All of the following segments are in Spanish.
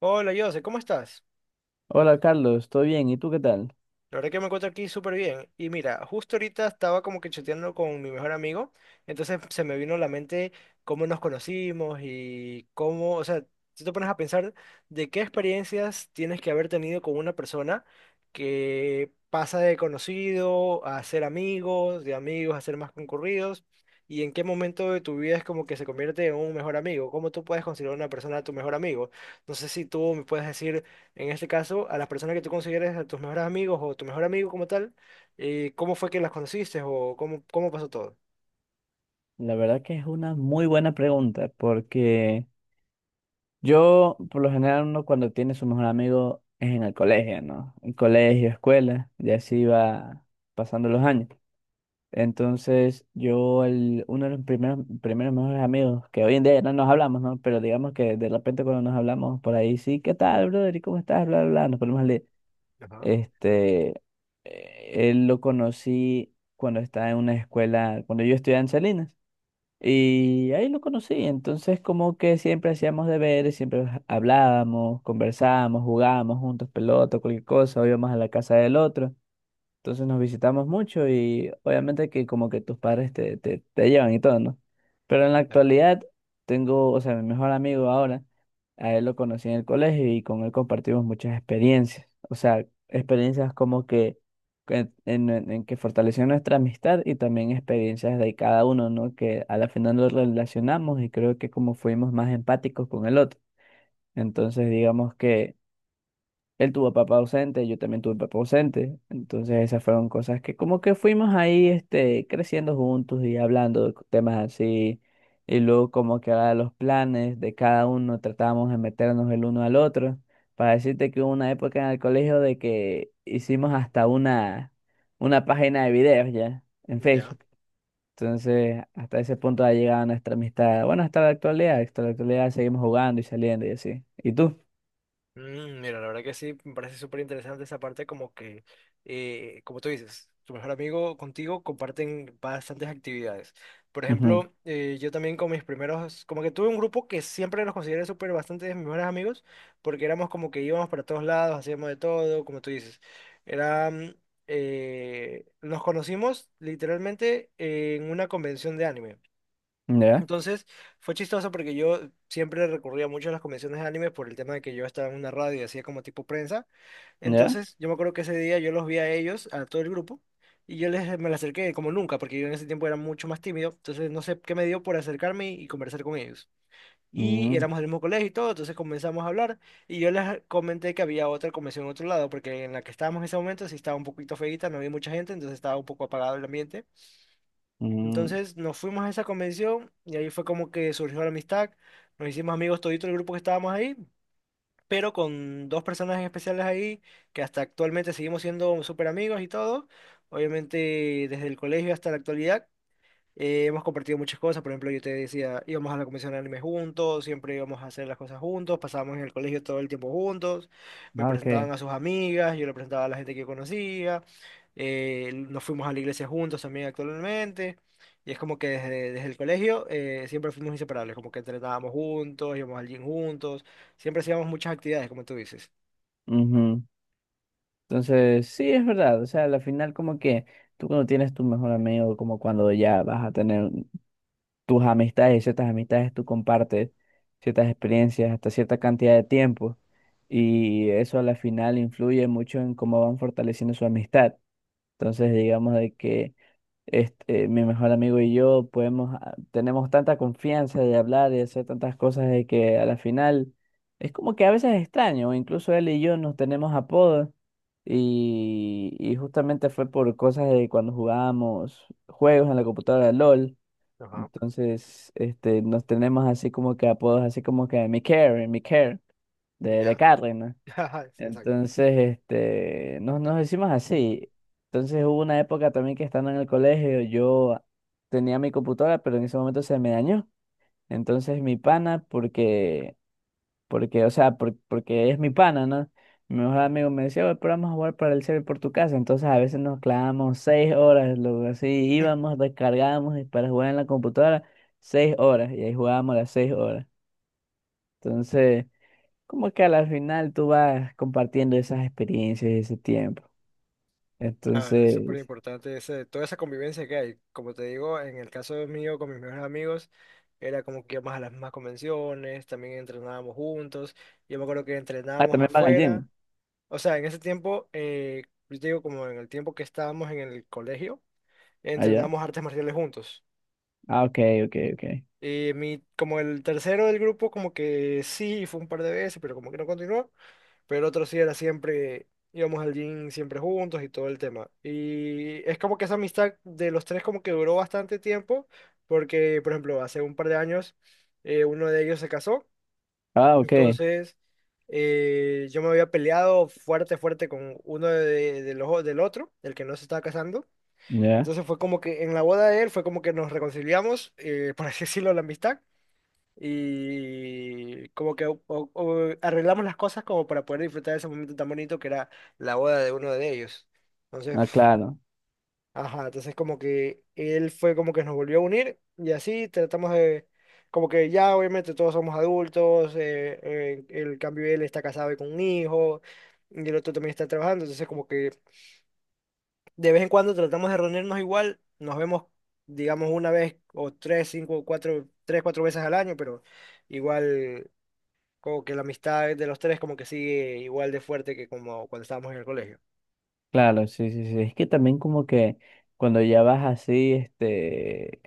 Hola, Jose, ¿cómo estás? Hola Carlos, ¿estoy bien? ¿Y tú qué tal? La verdad que me encuentro aquí súper bien. Y mira, justo ahorita estaba como que chateando con mi mejor amigo, entonces se me vino a la mente cómo nos conocimos y cómo, o sea, si te pones a pensar de qué experiencias tienes que haber tenido con una persona que pasa de conocido a ser amigos, de amigos a ser más concurridos, y en qué momento de tu vida es como que se convierte en un mejor amigo, cómo tú puedes considerar a una persona tu mejor amigo. No sé si tú me puedes decir en este caso, a las personas que tú consideres a tus mejores amigos o tu mejor amigo como tal, ¿cómo fue que las conociste o cómo pasó todo? La verdad que es una muy buena pregunta porque yo por lo general uno cuando tiene su mejor amigo es en el colegio, ¿no? En colegio, escuela, y así va pasando los años. Entonces yo, uno de los primeros mejores amigos, que hoy en día ya no nos hablamos, ¿no? Pero digamos que de repente cuando nos hablamos por ahí, sí, ¿qué tal, brother? ¿Y cómo estás? Bla, bla, bla, nos ponemos a leer. Ajá, Este, él lo conocí cuando estaba en una escuela, cuando yo estudiaba en Salinas. Y ahí lo conocí. Entonces, como que siempre hacíamos deberes, siempre hablábamos, conversábamos, jugábamos juntos pelota, cualquier cosa, o íbamos a la casa del otro. Entonces nos visitamos mucho y obviamente que como que tus padres te llevan y todo, ¿no? Pero en la claro. actualidad tengo, o sea, mi mejor amigo ahora, a él lo conocí en el colegio y con él compartimos muchas experiencias. O sea, experiencias como que en, en que fortaleció nuestra amistad y también experiencias de cada uno, ¿no? Que a la final nos relacionamos y creo que como fuimos más empáticos con el otro. Entonces, digamos que... Él tuvo papá ausente, yo también tuve papá ausente. Entonces esas fueron cosas que como que fuimos ahí este, creciendo juntos y hablando de temas así. Y luego como que ahora los planes de cada uno tratábamos de meternos el uno al otro. Para decirte que hubo una época en el colegio de que hicimos hasta una página de videos ya en Ya. Facebook. Entonces hasta ese punto ha llegado nuestra amistad. Bueno, hasta la actualidad seguimos jugando y saliendo y así. ¿Y tú? Mira, la verdad que sí, me parece súper interesante esa parte, como que, como tú dices, tu mejor amigo contigo comparten bastantes actividades. Por Ujú. ejemplo, yo también con mis primeros, como que tuve un grupo que siempre los consideré súper bastante de mis mejores amigos, porque éramos como que íbamos para todos lados, hacíamos de todo, como tú dices. Era, mm, Nos conocimos literalmente en una convención de anime. ¿Ya? Entonces, fue chistoso porque yo siempre recurría mucho a las convenciones de anime por el tema de que yo estaba en una radio y hacía como tipo prensa. ¿Ya? Entonces, yo me acuerdo que ese día yo los vi a ellos, a todo el grupo, y me les acerqué como nunca, porque yo en ese tiempo era mucho más tímido. Entonces, no sé qué me dio por acercarme y conversar con ellos. Y Mm, éramos del mismo colegio y todo, entonces comenzamos a hablar. Y yo les comenté que había otra convención en otro lado, porque en la que estábamos en ese momento sí estaba un poquito feita, no había mucha gente, entonces estaba un poco apagado el ambiente. mm, Entonces nos fuimos a esa convención y ahí fue como que surgió la amistad. Nos hicimos amigos todito el grupo que estábamos ahí, pero con dos personas en especiales ahí que hasta actualmente seguimos siendo súper amigos y todo. Obviamente desde el colegio hasta la actualidad hemos compartido muchas cosas. Por ejemplo, yo te decía, íbamos a la convención de anime juntos, siempre íbamos a hacer las cosas juntos, pasábamos en el colegio todo el tiempo juntos, me ah, ok. presentaban a sus amigas, yo le presentaba a la gente que yo conocía, nos fuimos a la iglesia juntos también actualmente. Y es como que desde el colegio siempre fuimos inseparables, como que entrenábamos juntos, íbamos al gym juntos, siempre hacíamos muchas actividades, como tú dices. Ujú. Entonces, sí, es verdad. O sea, al final como que tú cuando tienes tu mejor amigo, como cuando ya vas a tener tus amistades y ciertas amistades, tú compartes ciertas experiencias hasta cierta cantidad de tiempo. Y eso a la final influye mucho en cómo van fortaleciendo su amistad. Entonces, digamos de que este, mi mejor amigo y yo podemos, ah, tenemos tanta confianza de hablar y hacer tantas cosas de que a la final es como que a veces es extraño, incluso él y yo nos tenemos apodos y, justamente fue por cosas de cuando jugábamos juegos en la computadora LOL, Ajá, entonces este, nos tenemos así como que apodos, así como que mi care, de ya. Carry, Ajá, Exacto. entonces, este, nos decimos así. Entonces hubo una época también que estando en el colegio, yo tenía mi computadora, pero en ese momento se me dañó. Entonces mi pana, o sea, porque es mi pana, ¿no? Mi mejor amigo me decía, "Oye, pero vamos a jugar para el server por tu casa". Entonces a veces nos clavamos 6 horas, luego así íbamos, descargábamos y para jugar en la computadora, 6 horas, y ahí jugábamos las 6 horas. Entonces... Como que a la final tú vas compartiendo esas experiencias ese tiempo. Claro, es súper Entonces, importante ese, toda esa convivencia que hay. Como te digo, en el caso mío con mis mejores amigos, era como que íbamos a las mismas convenciones, también entrenábamos juntos. Yo me acuerdo que ah, entrenábamos también van al afuera. gym O sea, en ese tiempo, yo te digo, como en el tiempo que estábamos en el colegio, allá. entrenábamos artes marciales juntos. Ah, ok, ok, ok. Y mi, como el tercero del grupo, como que sí, fue un par de veces, pero como que no continuó. Pero el otro sí era siempre, íbamos al gym siempre juntos y todo el tema. Y es como que esa amistad de los tres como que duró bastante tiempo, porque, por ejemplo, hace un par de años, uno de ellos se casó. Ah, ok, Entonces, yo me había peleado fuerte, fuerte con uno de, del otro, el que no se estaba casando. ya. Entonces fue como que en la boda de él fue como que nos reconciliamos, por así decirlo, la amistad. Y como que o arreglamos las cosas como para poder disfrutar de ese momento tan bonito que era la boda de uno de ellos. Entonces, Ah, claro, ajá, entonces como que él fue como que nos volvió a unir y así tratamos de, como que ya obviamente todos somos adultos, el cambio él está casado y con un hijo y el otro también está trabajando, entonces como que de vez en cuando tratamos de reunirnos igual, nos vemos digamos una vez o tres, cinco, cuatro, tres, cuatro veces al año, pero igual como que la amistad de los tres como que sigue igual de fuerte que como cuando estábamos en el colegio. claro, sí, sí, sí. Es que también como que cuando ya vas así, este,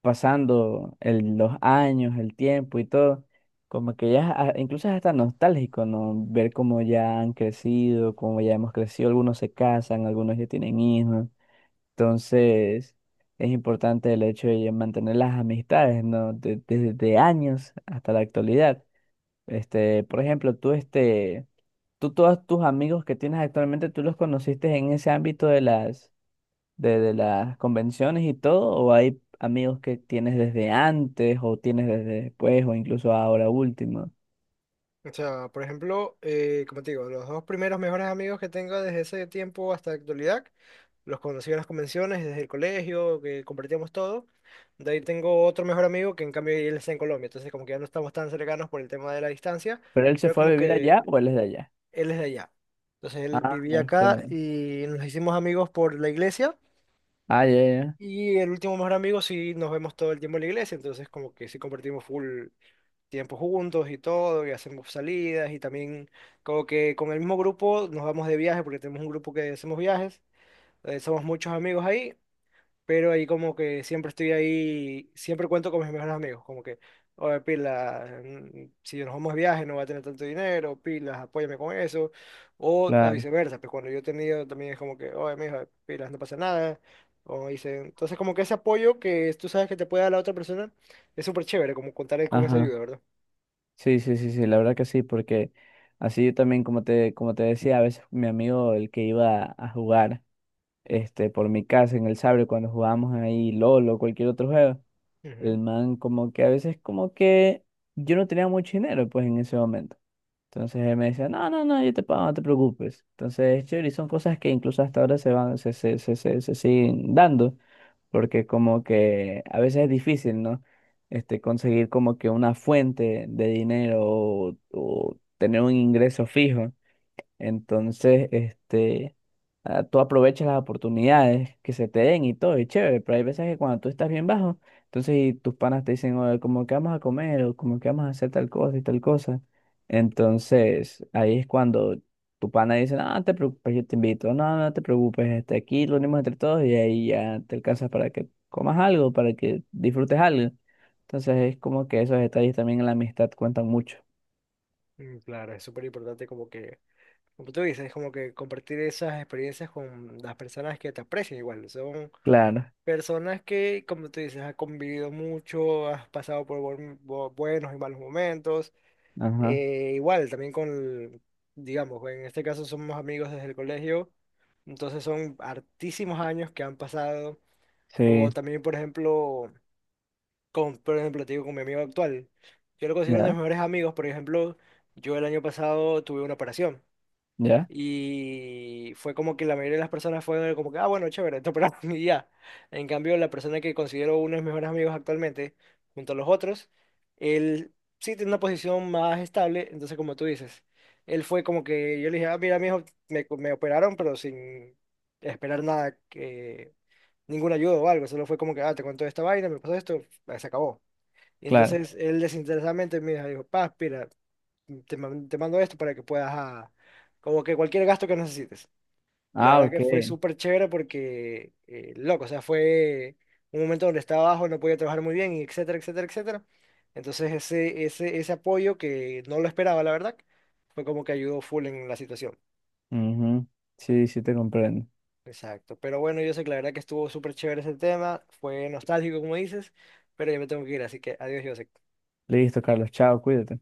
pasando los años, el tiempo y todo, como que ya, ah, incluso es hasta nostálgico, ¿no? Ver cómo ya han crecido, cómo ya hemos crecido. Algunos se casan, algunos ya tienen hijos. Entonces, es importante el hecho de mantener las amistades, ¿no? Desde de años hasta la actualidad. Este, por ejemplo, tú, este, tú todos tus amigos que tienes actualmente, ¿tú los conociste en ese ámbito de las, de las convenciones y todo? ¿O hay amigos que tienes desde antes o tienes desde después o incluso ahora último? O sea, por ejemplo, como te digo, los dos primeros mejores amigos que tengo desde ese tiempo hasta la actualidad, los conocí en las convenciones, desde el colegio, que compartíamos todo. De ahí tengo otro mejor amigo que en cambio él está en Colombia, entonces como que ya no estamos tan cercanos por el tema de la distancia, ¿Pero él se pero fue a como vivir allá que o él es de allá? él es de allá. Entonces él Ah, vivía no, es acá que... y nos hicimos amigos por la iglesia Ah, ya, ya, y el último mejor amigo sí nos vemos todo el tiempo en la iglesia, entonces como que sí compartimos full tiempo juntos y todo, y hacemos salidas y también como que con el mismo grupo nos vamos de viaje porque tenemos un grupo que hacemos viajes, somos muchos amigos ahí pero ahí como que siempre estoy ahí, siempre cuento con mis mejores amigos, como que, oye, pila, si nos vamos de viaje no va a tener tanto dinero, pilas, apóyame con eso, o a claro. viceversa, pues cuando yo he tenido también es como que, oye, mijo, pilas, no pasa nada, o dice entonces como que ese apoyo que tú sabes que te puede dar la otra persona es súper chévere, como contar con esa Ajá. ayuda, ¿verdad? Sí, sí, sí, sí, la verdad que sí, porque así yo también, como te decía, a veces mi amigo, el que iba a jugar este, por mi casa en el Sabre, cuando jugábamos ahí LOL o cualquier otro juego, Ujú. el man como que a veces como que yo no tenía mucho dinero pues en ese momento. Entonces él me decía, no, no, no, yo te pago, no te preocupes. Entonces es chévere y son cosas que incluso hasta ahora se van, se siguen dando, porque como que a veces es difícil, ¿no? Este, conseguir como que una fuente de dinero o tener un ingreso fijo. Entonces, este, ah, tú aprovechas las oportunidades que se te den y todo, y chévere, pero hay veces que cuando tú estás bien bajo, entonces y tus panas te dicen, oye, como que vamos a comer, o como que vamos a hacer tal cosa y tal cosa. Entonces, ahí es cuando tu pana dice, no, no te preocupes, yo te invito, no, no te preocupes, este, aquí lo unimos entre todos y ahí ya te alcanzas para que comas algo, para que disfrutes algo. Entonces, es como que esos detalles también en la amistad cuentan mucho. Claro, es súper importante como que, como tú dices, como que compartir esas experiencias con las personas que te aprecian igual, son Claro, personas que, como tú dices, has convivido mucho, has pasado por buenos y malos momentos. ajá, Eh, igual, también digamos, en este caso somos amigos desde el colegio, entonces son hartísimos años que han pasado. O sí, también, por ejemplo, por ejemplo, te digo, con mi amigo actual. Yo lo considero uno de ya, mis mejores amigos, por ejemplo, yo el año pasado tuve una operación. ya. Y fue como que la mayoría de las personas fueron como que, ah, bueno, chévere, esto para mí y ya. En cambio, la persona que considero uno de mis mejores amigos actualmente, junto a los otros, él sí tiene una posición más estable, entonces como tú dices, él fue como que yo le dije, ah, mira, mijo, me operaron, pero sin esperar nada, que, ningún ayuda o algo, solo fue como que, ah, te cuento esta vaina, me pasó esto, ah, se acabó. Y Claro. entonces él desinteresadamente me dijo, paz, mira, te mando esto para que puedas, ah, como que cualquier gasto que necesites. Y la Ah, verdad ok. que fue súper chévere porque, loco, o sea, fue un momento donde estaba abajo, no podía trabajar muy bien, y etcétera, etcétera, etcétera. Entonces ese apoyo que no lo esperaba, la verdad, fue como que ayudó full en la situación. Ujú. Sí, sí te comprendo. Exacto. Pero bueno, yo sé que la verdad que estuvo súper chévere ese tema, fue nostálgico, como dices, pero ya me tengo que ir, así que adiós, José. Listo, Carlos. Chao, cuídate.